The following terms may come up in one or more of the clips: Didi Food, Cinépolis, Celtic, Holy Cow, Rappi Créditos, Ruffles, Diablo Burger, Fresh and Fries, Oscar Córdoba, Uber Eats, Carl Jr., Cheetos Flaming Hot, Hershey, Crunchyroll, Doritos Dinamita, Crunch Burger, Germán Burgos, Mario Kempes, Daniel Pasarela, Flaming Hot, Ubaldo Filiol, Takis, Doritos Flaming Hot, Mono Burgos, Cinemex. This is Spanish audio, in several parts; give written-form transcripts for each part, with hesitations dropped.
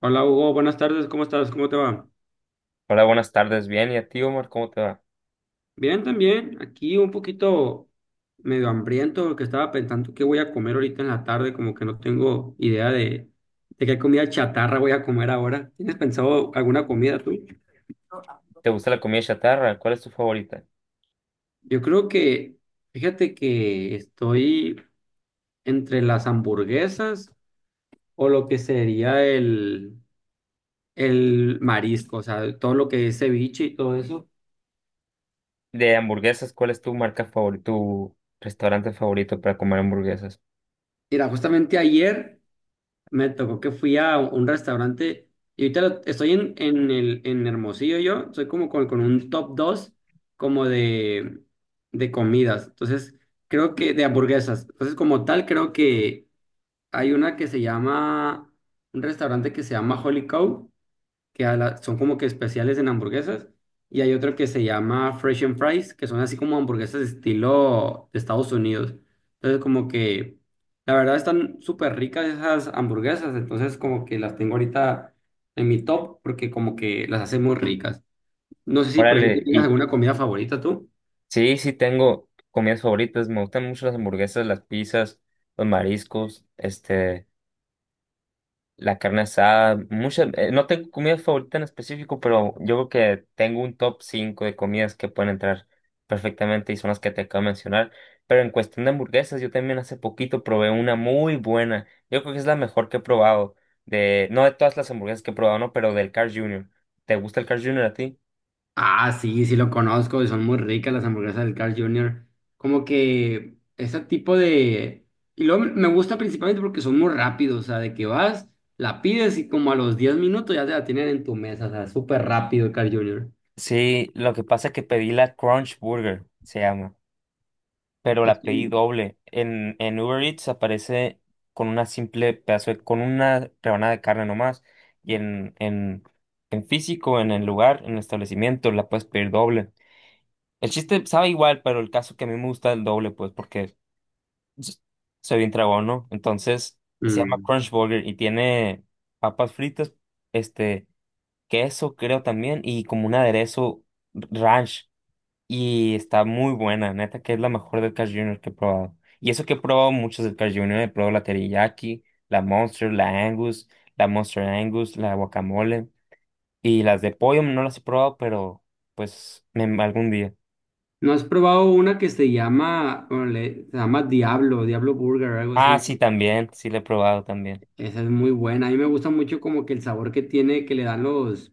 Hola Hugo, buenas tardes, ¿cómo estás? ¿Cómo te va? Hola, buenas tardes. Bien, ¿y a ti, Omar? ¿Cómo te va? Bien, también. Aquí un poquito medio hambriento porque estaba pensando qué voy a comer ahorita en la tarde, como que no tengo idea de qué comida chatarra voy a comer ahora. ¿Tienes pensado alguna comida tú? ¿Te gusta la comida chatarra? ¿Cuál es tu favorita? Yo creo que, fíjate que estoy entre las hamburguesas o lo que sería el marisco, o sea, todo lo que es ceviche y todo eso. De hamburguesas, ¿cuál es tu marca favorita, tu restaurante favorito para comer hamburguesas? Mira, justamente ayer. Me tocó que fui a un restaurante y ahorita estoy en Hermosillo yo, soy como con un top 2 como de comidas, entonces creo que de hamburguesas, entonces como tal creo que hay una que se llama, un restaurante que se llama Holy Cow que son como que especiales en hamburguesas, y hay otro que se llama Fresh and Fries, que son así como hamburguesas estilo de Estados Unidos. Entonces como que, la verdad están súper ricas esas hamburguesas, entonces como que las tengo ahorita en mi top porque como que las hace muy ricas. No sé si, por ejemplo, Órale, tienes y alguna comida favorita tú. sí, sí tengo comidas favoritas. Me gustan mucho las hamburguesas, las pizzas, los mariscos, la carne asada, muchas, no tengo comida favorita en específico, pero yo creo que tengo un top 5 de comidas que pueden entrar perfectamente y son las que te acabo de mencionar. Pero en cuestión de hamburguesas, yo también hace poquito probé una muy buena. Yo creo que es la mejor que he probado, no de todas las hamburguesas que he probado, no, pero del Carl Jr. ¿Te gusta el Carl Jr. a ti? Ah, sí, sí lo conozco, y son muy ricas las hamburguesas del Carl Jr. Como que ese tipo de... Y luego me gusta principalmente porque son muy rápidos, o sea, de que vas, la pides y como a los 10 minutos ya te la tienen en tu mesa, o sea, súper rápido el Carl Jr. Sí, lo que pasa es que pedí la Crunch Burger, se llama, pero Es la pedí que... doble. En Uber Eats aparece con una con una rebanada de carne nomás. Y en físico, en el lugar, en el establecimiento, la puedes pedir doble. El chiste sabe igual, pero el caso que a mí me gusta el doble, pues, porque s- soy bien tragón, ¿no? Entonces, se llama Mm. Crunch Burger y tiene papas fritas, este, queso, creo también, y como un aderezo ranch. Y está muy buena, neta, que es la mejor del Carl Jr. que he probado. Y eso que he probado muchos del Carl Jr. He probado la teriyaki, la Monster, la Angus, la Monster Angus, la guacamole. Y las de pollo no las he probado, pero pues algún día. ¿No has probado una que se llama, bueno, se llama Diablo, Diablo Burger, algo Ah, así? sí, también, sí la he probado también. Esa es muy buena, a mí me gusta mucho como que el sabor que tiene, que le dan los...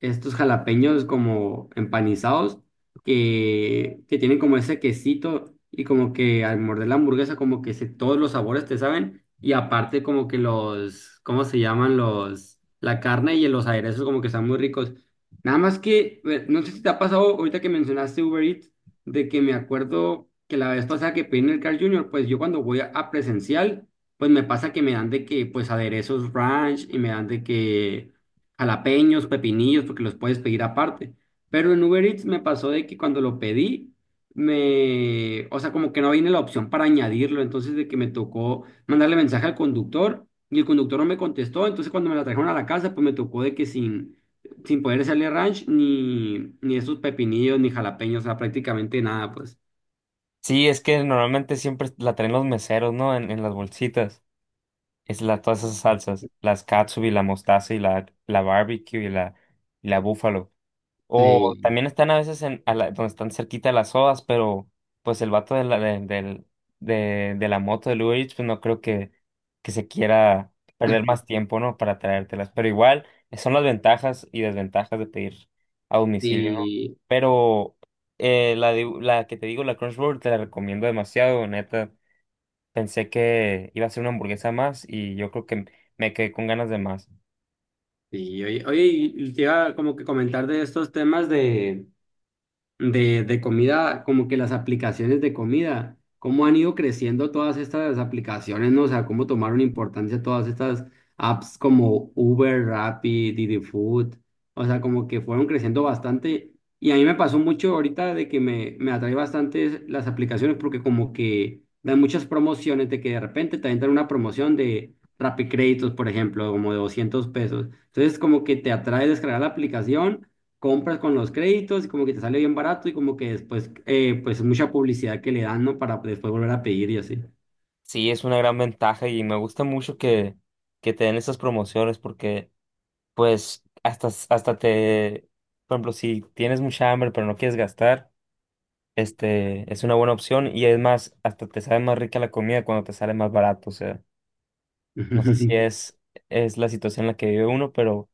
estos jalapeños como empanizados que tienen como ese quesito y como que al morder la hamburguesa como que se, todos los sabores te saben y aparte como que los, ¿cómo se llaman los? La carne y los aderezos como que están muy ricos. Nada más que, no sé si te ha pasado ahorita que mencionaste Uber Eats, de que me acuerdo que la vez pasada que pedí en el Carl Jr., pues yo cuando voy a presencial, pues me pasa que me dan de que pues aderezos ranch y me dan de que jalapeños, pepinillos, porque los puedes pedir aparte. Pero en Uber Eats me pasó de que cuando lo pedí, me, o sea, como que no viene la opción para añadirlo, entonces de que me tocó mandarle mensaje al conductor y el conductor no me contestó, entonces cuando me la trajeron a la casa, pues me tocó de que sin poder hacerle ranch ni esos pepinillos ni jalapeños, o sea, prácticamente nada, pues. Sí, es que normalmente siempre la traen los meseros, ¿no? En las bolsitas. Es la, todas esas salsas, las katsubi, la mostaza y la barbecue y y la búfalo. O Sí, también están a veces donde están cerquita de las sodas, pero pues el vato de la moto de Uber Eats, pues no creo que se quiera perder más tiempo, ¿no? Para traértelas. Pero igual, son las ventajas y desventajas de pedir a domicilio, ¿no? sí, Pero la que te digo, la Crunchyroll, te la recomiendo demasiado, neta. Pensé que iba a ser una hamburguesa más y yo creo que me quedé con ganas de más. sí. Oye, oye, y te iba como que comentar de estos temas de de comida, como que las aplicaciones de comida, cómo han ido creciendo todas estas aplicaciones, ¿no? O sea, cómo tomaron importancia todas estas apps como Uber, Rappi, Didi Food, o sea, como que fueron creciendo bastante. Y a mí me pasó mucho ahorita de que me atrae bastante las aplicaciones porque como que dan muchas promociones de que de repente te dan una promoción de Rappi Créditos, por ejemplo, como de 200 pesos. Entonces como que te atrae descargar la aplicación, compras con los créditos y como que te sale bien barato y como que después, pues mucha publicidad que le dan, ¿no? Para después volver a pedir y así. Sí, es una gran ventaja y me gusta mucho que te den esas promociones porque, pues, hasta por ejemplo, si tienes mucha hambre pero no quieres gastar, es una buena opción y es más, hasta te sabe más rica la comida cuando te sale más barato. O sea, no sé si es la situación en la que vive uno, pero,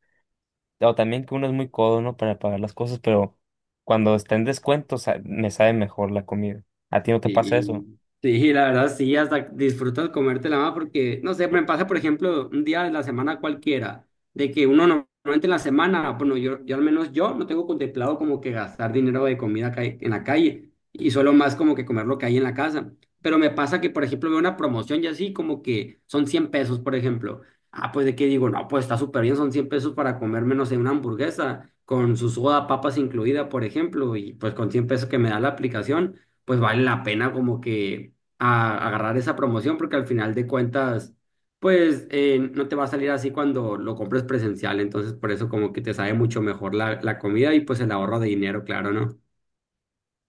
o también que uno es muy codo, ¿no? Para pagar las cosas, pero cuando está en descuento, me sabe mejor la comida. ¿A ti no te pasa eso? Sí, sí, la verdad sí, hasta disfrutas comértela más porque, no sé, me pasa, por ejemplo, un día de la semana cualquiera, de que uno no- normalmente en la semana, ah, bueno, yo al menos yo no tengo contemplado como que gastar dinero de comida acá en la calle y solo más como que comer lo que hay en la casa. Pero me pasa que, por ejemplo, veo una promoción y así como que son 100 pesos, por ejemplo. Ah, pues de qué digo, no, pues está súper bien, son 100 pesos para comerme, no sé, una hamburguesa con su soda, papas incluida, por ejemplo, y pues con 100 pesos que me da la aplicación pues vale la pena como que agarrar esa promoción porque al final de cuentas, pues no te va a salir así cuando lo compres presencial, entonces por eso como que te sabe mucho mejor la comida y pues el ahorro de dinero, claro, ¿no?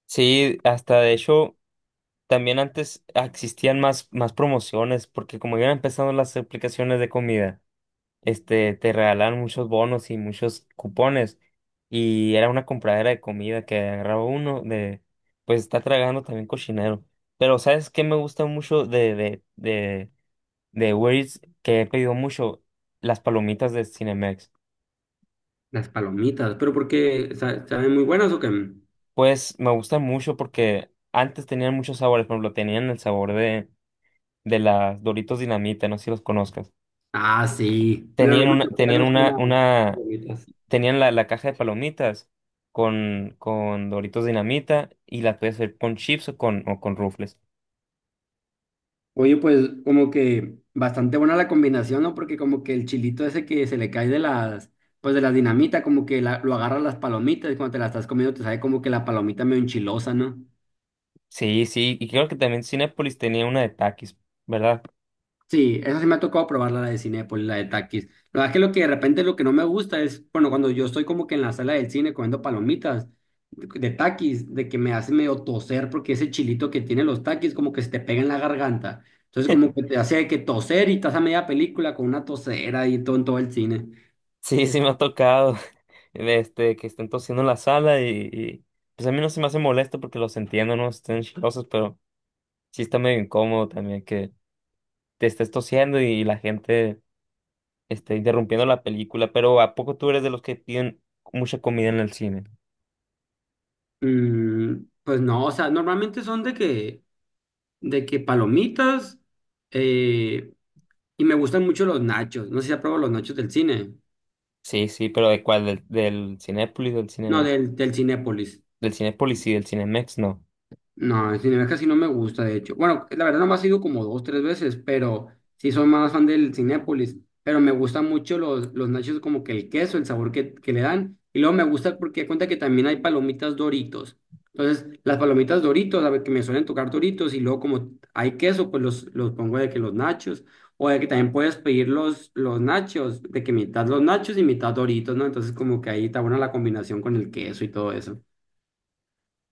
Sí, hasta de hecho. También antes existían más promociones, porque como iban empezando las aplicaciones de comida, te regalaban muchos bonos y muchos cupones. Y era una compradera de comida que agarraba uno pues está tragando también cochinero. Pero ¿sabes qué me gusta mucho de Uber Eats, que he pedido mucho? Las palomitas de Cinemex. Las palomitas, pero ¿porque saben muy buenas o qué? Pues me gustan mucho porque antes tenían muchos sabores, por ejemplo, tenían el sabor de las Doritos Dinamita, no sé si los conozcas. Ah, sí, pero Tenían no me una, tocó tenían verlos con una, las una, palomitas. tenían la caja de palomitas con Doritos Dinamita y la podías hacer con chips o con Ruffles. Oye, pues como que bastante buena la combinación, ¿no? Porque como que el chilito ese que se le cae de las, pues de la dinamita, como que lo agarra las palomitas y cuando te la estás comiendo te sabe como que la palomita medio enchilosa, ¿no? Sí, sí, y creo que también Cinépolis tenía una de Takis, ¿verdad? Sí, esa sí me ha tocado probarla, la de Cinépolis, la de Takis. La verdad es que lo que de repente lo que no me gusta es, bueno, cuando yo estoy como que en la sala del cine comiendo palomitas de Takis, de que me hace medio toser porque ese chilito que tiene los Takis como que se te pega en la garganta. Entonces como que te hace que toser y estás a media película con una tosera y todo en todo el cine. Sí, sí me ha tocado, que estén tosiendo en la sala y, pues a mí no se me hace molesto porque los entiendo, no estén chilosos, pero sí está medio incómodo también que te estés tosiendo y, la gente esté interrumpiendo la película, pero ¿a poco tú eres de los que piden mucha comida en el cine? Mm, pues no, o sea, normalmente son de que palomitas eh, y me gustan mucho los nachos. No sé si apruebo los nachos del cine. Sí, sí, pero ¿de cuál? ¿Del Cinépolis, del No, Cinemex? Del Cinépolis. Del Cinépolis y del Cinemex, no. No, el cine casi no me gusta, de hecho. Bueno, la verdad nomás he ido como dos, tres veces, pero sí soy más fan del Cinépolis. Pero me gustan mucho los nachos, como que el queso, el sabor que le dan. Y luego me gusta porque cuenta que también hay palomitas Doritos. Entonces, las palomitas Doritos, a ver, que me suelen tocar Doritos, y luego como hay queso, pues los pongo de que los nachos. O de que también puedes pedir los nachos, de que mitad los nachos y mitad Doritos, ¿no? Entonces, como que ahí está buena la combinación con el queso y todo eso.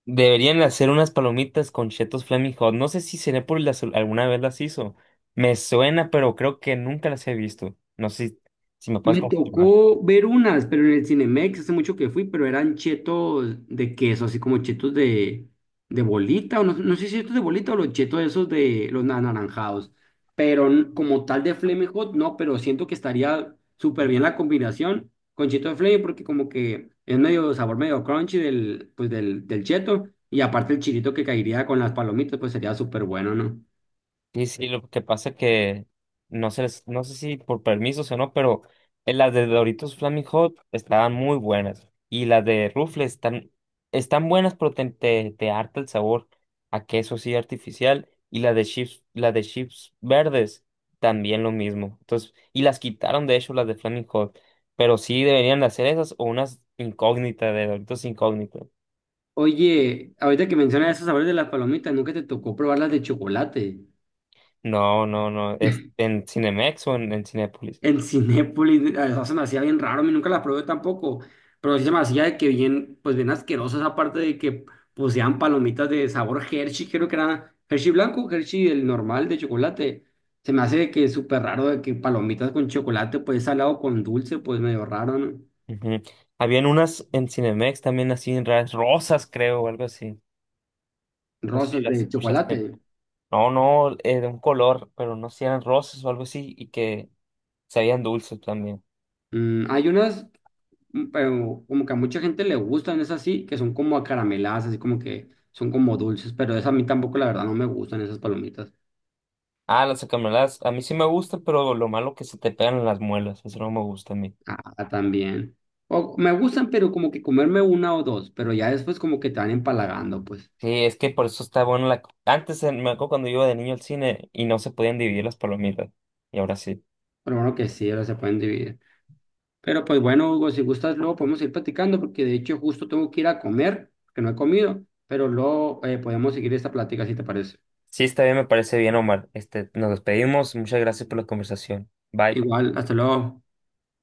Deberían hacer unas palomitas con Cheetos Flaming Hot. No sé si Cinépolis alguna vez las hizo. Me suena, pero creo que nunca las he visto. No sé si me puedes Me confirmar. tocó ver unas, pero en el Cinemex hace mucho que fui, pero eran chetos de queso, así como chetos de bolita, o no, no sé si chetos de bolita o los chetos esos de los anaranjados, pero como tal de Flaming Hot, no, pero siento que estaría súper bien la combinación con cheto de Flaming porque como que es medio sabor medio crunchy del, pues del cheto y aparte el chilito que caería con las palomitas, pues sería súper bueno, ¿no? Y sí, lo que pasa que no sé si por permisos o no, pero las de Doritos Flaming Hot estaban muy buenas. Y las de Ruffles están buenas, pero te harta el sabor a queso sí artificial. Y las de chips verdes también lo mismo. Entonces, y las quitaron de hecho las de Flaming Hot. Pero sí deberían de hacer esas o unas incógnitas de Doritos incógnitas. Oye, ahorita que mencionas esos sabores de las palomitas, ¿nunca te tocó probar las de chocolate? No, no, no. Es en Cinemex o en Cinépolis. En Cinépolis, a veces se me hacía bien raro, a mí nunca la probé tampoco, pero sí se me hacía de que bien, pues bien asquerosa esa parte de que poseían palomitas de sabor Hershey, creo que era Hershey blanco, Hershey el normal de chocolate. Se me hace de que súper raro de que palomitas con chocolate, pues salado con dulce, pues medio raro, ¿no? Ujú. Habían unas en Cinemex también así en raras, rosas creo o algo así. No sé si Rosas las de chocolate. escuchaste. No, no, de un color, pero no sé si eran rosas o algo así y que sabían dulces también. Mm, hay unas, mm, pero como que a mucha gente le gustan, es así, que son como acarameladas, así como que son como dulces, pero esa a mí tampoco, la verdad, no me gustan esas palomitas. Ah, las acameladas, a mí sí me gustan, pero lo malo que se te pegan en las muelas, eso no me gusta a mí. Ah, también. O, me gustan, pero como que comerme una o dos, pero ya después como que te van empalagando, pues. Sí, es que por eso está bueno la. Antes, me acuerdo cuando yo iba de niño al cine y no se podían dividir las palomitas. Y ahora sí. Pero bueno que sí, ahora se pueden dividir. Pero pues bueno, Hugo, si gustas, luego podemos ir platicando, porque de hecho justo tengo que ir a comer, que no he comido, pero luego podemos seguir esta plática si te parece. Sí, está bien, me parece bien, Omar. Nos despedimos. Muchas gracias por la conversación. Bye. Igual, hasta luego.